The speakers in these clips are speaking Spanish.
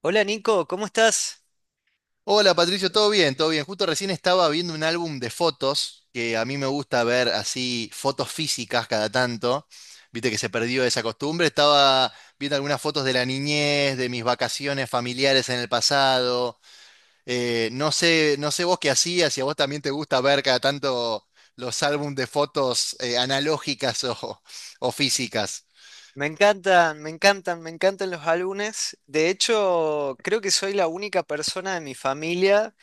Hola Nico, ¿cómo estás? Hola Patricio, todo bien, todo bien. Justo recién estaba viendo un álbum de fotos, que a mí me gusta ver así fotos físicas cada tanto. Viste que se perdió esa costumbre. Estaba viendo algunas fotos de la niñez, de mis vacaciones familiares en el pasado. No sé vos qué hacías, si a vos también te gusta ver cada tanto los álbumes de fotos analógicas o físicas. Me encantan los álbumes. De hecho, creo que soy la única persona de mi familia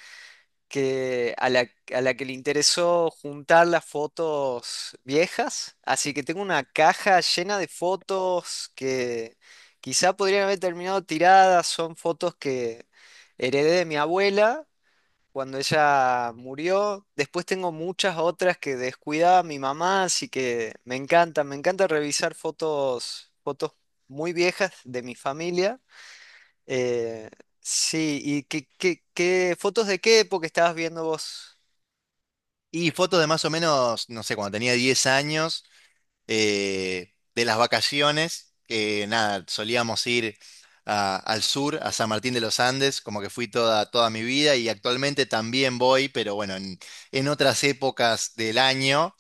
que, a la, a la que le interesó juntar las fotos viejas. Así que tengo una caja llena de fotos que quizá podrían haber terminado tiradas. Son fotos que heredé de mi abuela cuando ella murió. Después tengo muchas otras que descuidaba mi mamá, así que me encanta revisar fotos, muy viejas de mi familia. Eh, sí, ¿y qué fotos de qué época estabas viendo vos? Y fotos de más o menos, no sé, cuando tenía 10 años. De las vacaciones, que nada, solíamos ir al sur, a San Martín de los Andes, como que fui toda, toda mi vida y actualmente también voy, pero bueno, en otras épocas del año.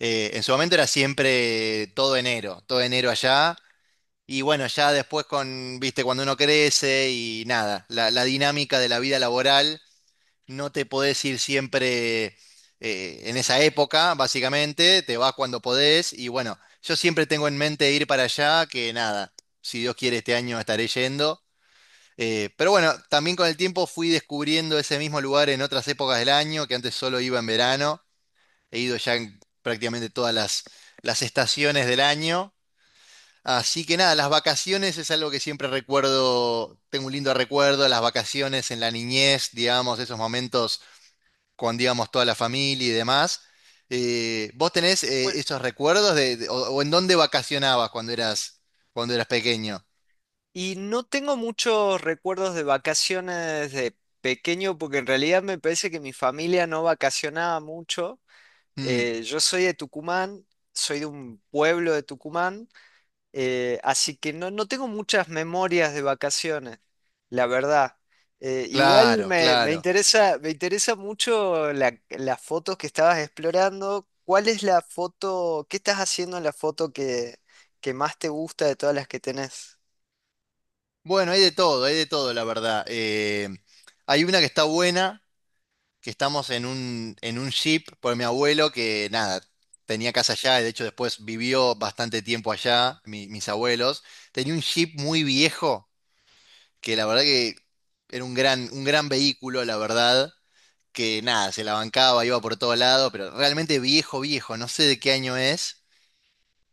En su momento era siempre todo enero allá. Y bueno, ya después viste, cuando uno crece y nada, la dinámica de la vida laboral no te podés ir siempre en esa época, básicamente, te vas cuando podés. Y bueno, yo siempre tengo en mente ir para allá, que nada, si Dios quiere este año estaré yendo. Pero bueno, también con el tiempo fui descubriendo ese mismo lugar en otras épocas del año, que antes solo iba en verano, he ido ya en prácticamente todas las estaciones del año. Así que nada, las vacaciones es algo que siempre recuerdo, tengo un lindo recuerdo, las vacaciones en la niñez, digamos, esos momentos con, digamos, toda la familia y demás. ¿Vos tenés Bueno, esos recuerdos o en dónde vacacionabas cuando eras pequeño? y no tengo muchos recuerdos de vacaciones de pequeño, porque en realidad me parece que mi familia no vacacionaba mucho. Mm, Yo soy de Tucumán, soy de un pueblo de Tucumán. Así que no, no tengo muchas memorias de vacaciones, la verdad. Igual claro, claro. Me interesa mucho las fotos que estabas explorando. ¿Cuál es la foto, qué estás haciendo en la foto que más te gusta de todas las que tenés? Bueno, hay de todo, la verdad. Hay una que está buena, que estamos en en un jeep por mi abuelo que, nada, tenía casa allá, y de hecho después vivió bastante tiempo allá, mis abuelos. Tenía un jeep muy viejo, que la verdad que era un gran vehículo, la verdad. Que nada, se la bancaba, iba por todo lado, pero realmente viejo, viejo, no sé de qué año es.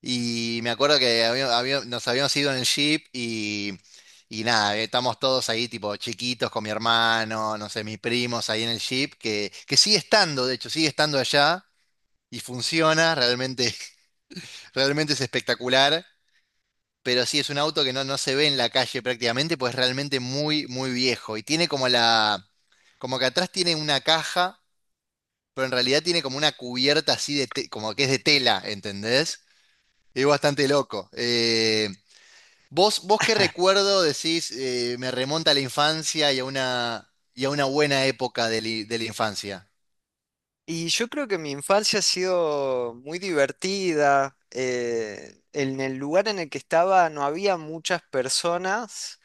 Y me acuerdo que nos habíamos ido en el jeep y nada, estamos todos ahí tipo chiquitos con mi hermano, no sé, mis primos ahí en el jeep, que sigue estando, de hecho, sigue estando allá y funciona, realmente, realmente es espectacular. Pero sí, es un auto que no se ve en la calle prácticamente, pues es realmente muy, muy viejo. Y tiene como que atrás tiene una caja, pero en realidad tiene como una cubierta así de, como que es de tela, ¿entendés? Es bastante loco. Vos qué recuerdo decís, me remonta a la infancia y a y a una buena época de la infancia? Y yo creo que mi infancia ha sido muy divertida. En el lugar en el que estaba no había muchas personas,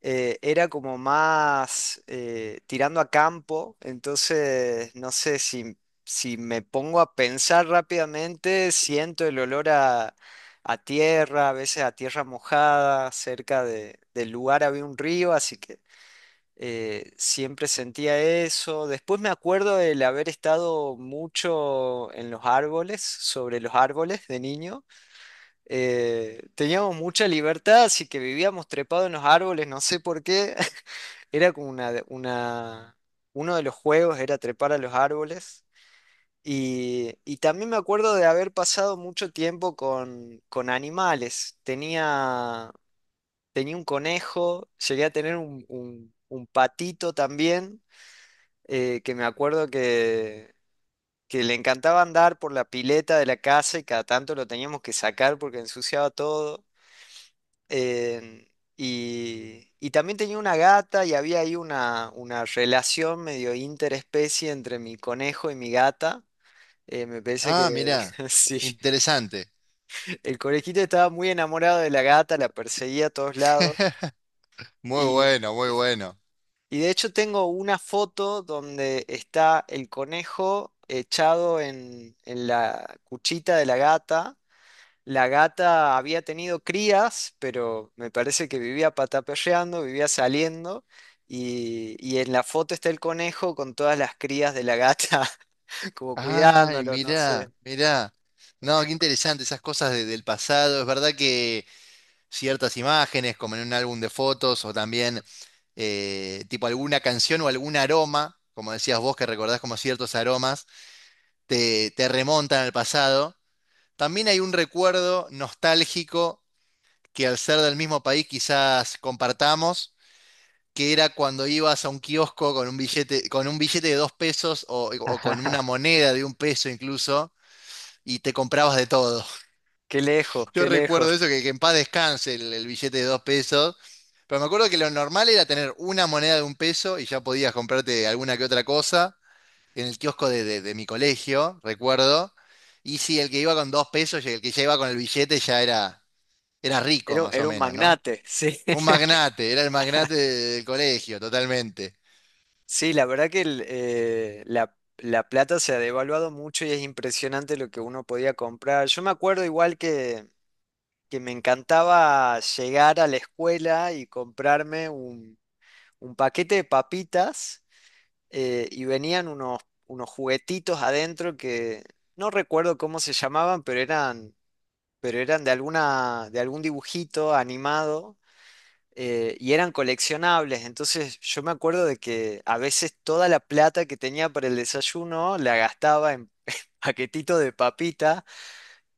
era como más tirando a campo, entonces no sé si, si me pongo a pensar rápidamente, siento el olor a tierra, a veces a tierra mojada, cerca del lugar había un río, así que siempre sentía eso. Después me acuerdo del haber estado mucho en los árboles, sobre los árboles de niño. Teníamos mucha libertad, así que vivíamos trepados en los árboles, no sé por qué. Era como uno de los juegos era trepar a los árboles y también me acuerdo de haber pasado mucho tiempo con animales. Tenía un conejo, llegué a tener un, un patito también, que me acuerdo que le encantaba andar por la pileta de la casa y cada tanto lo teníamos que sacar porque ensuciaba todo. Eh, y, y también tenía una gata y había ahí una relación medio interespecie entre mi conejo y mi gata. Me parece que Ah, mirá, sí, interesante. el conejito estaba muy enamorado de la gata, la perseguía a todos lados. Muy Y, bueno, muy bueno. y de hecho tengo una foto donde está el conejo echado en la cuchita de la gata. La gata había tenido crías, pero me parece que vivía pataperreando, vivía saliendo. Y en la foto está el conejo con todas las crías de la gata, como Ay, cuidándolo, no sé. mirá, mirá. No, qué interesante esas cosas del pasado. Es verdad que ciertas imágenes, como en un álbum de fotos o también tipo alguna canción o algún aroma, como decías vos que recordás como ciertos aromas, te remontan al pasado. También hay un recuerdo nostálgico que al ser del mismo país quizás compartamos, que era cuando ibas a un kiosco con un billete de 2 pesos o con una moneda de 1 peso incluso, y te comprabas de todo. Qué lejos, Yo qué lejos. recuerdo eso, que en paz descanse el billete de 2 pesos. Pero me acuerdo que lo normal era tener una moneda de 1 peso y ya podías comprarte alguna que otra cosa en el kiosco de mi colegio, recuerdo. Y si el que iba con 2 pesos y el que ya iba con el billete ya era rico, Era, más o era un menos, ¿no? magnate, sí. Un magnate, era el magnate del colegio, totalmente. Sí, la verdad que la plata se ha devaluado mucho y es impresionante lo que uno podía comprar. Yo me acuerdo igual que me encantaba llegar a la escuela y comprarme un paquete de papitas, y venían unos, unos juguetitos adentro que no recuerdo cómo se llamaban, pero pero eran de alguna, de algún dibujito animado, y eran coleccionables. Entonces yo me acuerdo de que a veces toda la plata que tenía para el desayuno la gastaba en paquetitos de papitas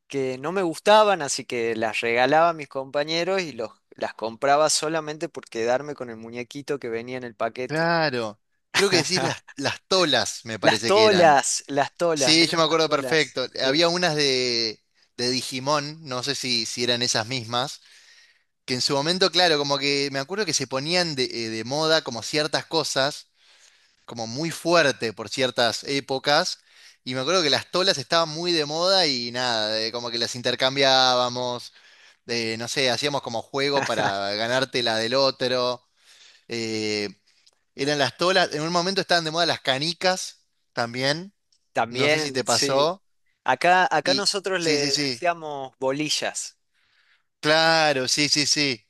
que no me gustaban, así que las regalaba a mis compañeros y las compraba solamente por quedarme con el muñequito que venía en el paquete. Claro. Creo que decís las tolas, me parece que eran. Las tolas, Sí, eran yo me las acuerdo tolas, perfecto. sí. Había unas de Digimon, no sé si eran esas mismas, que en su momento, claro, como que me acuerdo que se ponían de moda como ciertas cosas, como muy fuerte por ciertas épocas, y me acuerdo que las tolas estaban muy de moda y nada, como que las intercambiábamos, no sé, hacíamos como juego para ganarte la del otro. eh, Eran las tolas. En un momento estaban de moda las canicas también, no sé si También, te sí. pasó. Acá, acá Y nosotros sí, sí, le sí. decíamos bolillas. Claro, sí, sí, sí.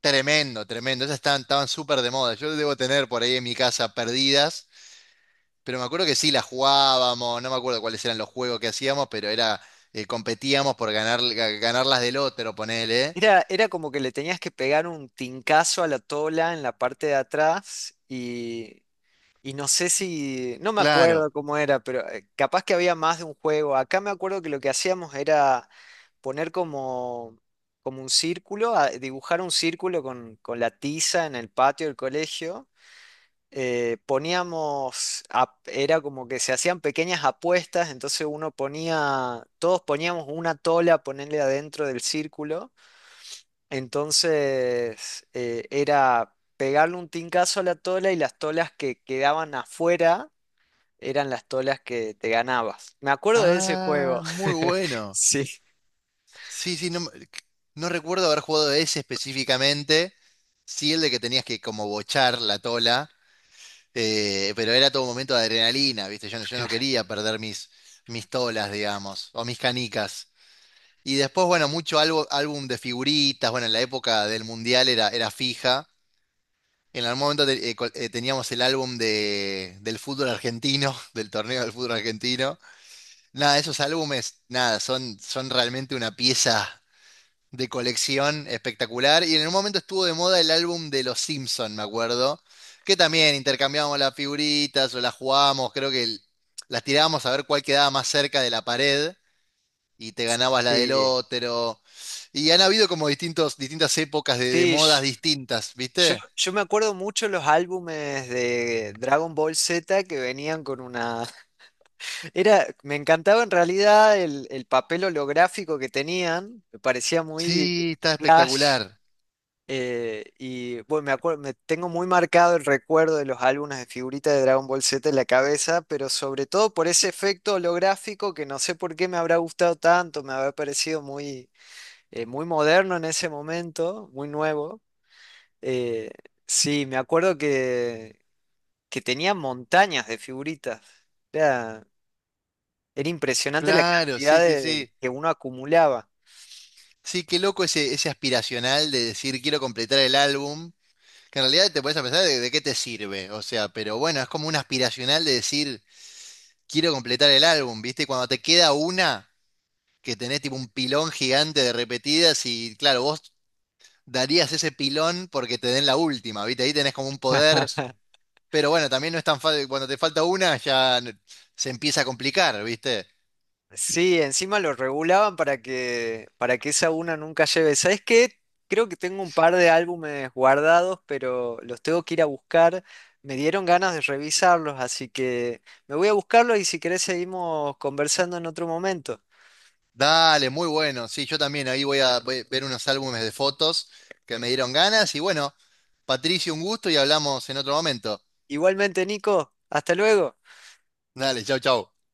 Tremendo, tremendo. Esas estaban súper de moda. Yo debo tener por ahí en mi casa perdidas, pero me acuerdo que sí las jugábamos, no me acuerdo cuáles eran los juegos que hacíamos, pero competíamos por ganar, ganar las del otro, ponele. Era, era como que le tenías que pegar un tincazo a la tola en la parte de atrás y no sé si, no me Claro. acuerdo cómo era, pero capaz que había más de un juego. Acá me acuerdo que lo que hacíamos era poner como, como un círculo, dibujar un círculo con la tiza en el patio del colegio. Poníamos, era como que se hacían pequeñas apuestas, entonces uno ponía, todos poníamos una tola, ponerle adentro del círculo, entonces era pegarle un tincazo a la tola y las tolas que quedaban afuera eran las tolas que te ganabas. Me acuerdo de ese Ah, juego. muy bueno. Sí. Sí, sí, no, no recuerdo haber jugado ese específicamente. Sí, el de que tenías que como bochar la tola. Pero era todo un momento de adrenalina, ¿viste? Yo, no quería perder mis tolas, digamos, o mis canicas. Y después, bueno, mucho algo, álbum de figuritas, bueno, en la época del Mundial era fija. En algún momento teníamos el álbum del fútbol argentino, del torneo del fútbol argentino. Nada, esos álbumes, nada, son realmente una pieza de colección espectacular. Y en un momento estuvo de moda el álbum de Los Simpson, me acuerdo, que también intercambiábamos las figuritas o las jugábamos, creo que las tirábamos a ver cuál quedaba más cerca de la pared y te ganabas la del Sí, otro. Y han habido como distintas épocas de sí, modas sh- distintas, ¿viste? yo me acuerdo mucho los álbumes de Dragon Ball Z que venían con una. Era, me encantaba en realidad el papel holográfico que tenían, me parecía muy Sí, está flash. espectacular. Y bueno, me acuerdo, me tengo muy marcado el recuerdo de los álbumes de figuritas de Dragon Ball Z en la cabeza, pero sobre todo por ese efecto holográfico que no sé por qué me habrá gustado tanto, me habrá parecido muy moderno en ese momento, muy nuevo. Eh, sí, me acuerdo que tenía montañas de figuritas. Era Era impresionante la Claro, cantidad sí, sí, de, sí. que uno acumulaba. Sí, qué loco ese aspiracional de decir quiero completar el álbum. Que en realidad te puedes a pensar de qué te sirve, o sea, pero bueno, es como un aspiracional de decir, quiero completar el álbum, ¿viste? Y cuando te queda una, que tenés tipo un pilón gigante de repetidas y claro, vos darías ese pilón porque te den la última, ¿viste? Ahí tenés como un poder, pero bueno, también no es tan fácil, cuando te falta una ya se empieza a complicar, ¿viste? Sí, encima lo regulaban para que esa una nunca lleve. ¿Sabes qué? Creo que tengo un par de álbumes guardados, pero los tengo que ir a buscar. Me dieron ganas de revisarlos, así que me voy a buscarlos y si querés seguimos conversando en otro momento. Dale, muy bueno, sí, yo también ahí voy a ver unos álbumes de fotos que me dieron ganas y bueno, Patricio, un gusto y hablamos en otro momento. Igualmente, Nico, hasta luego. Dale, chau, chau.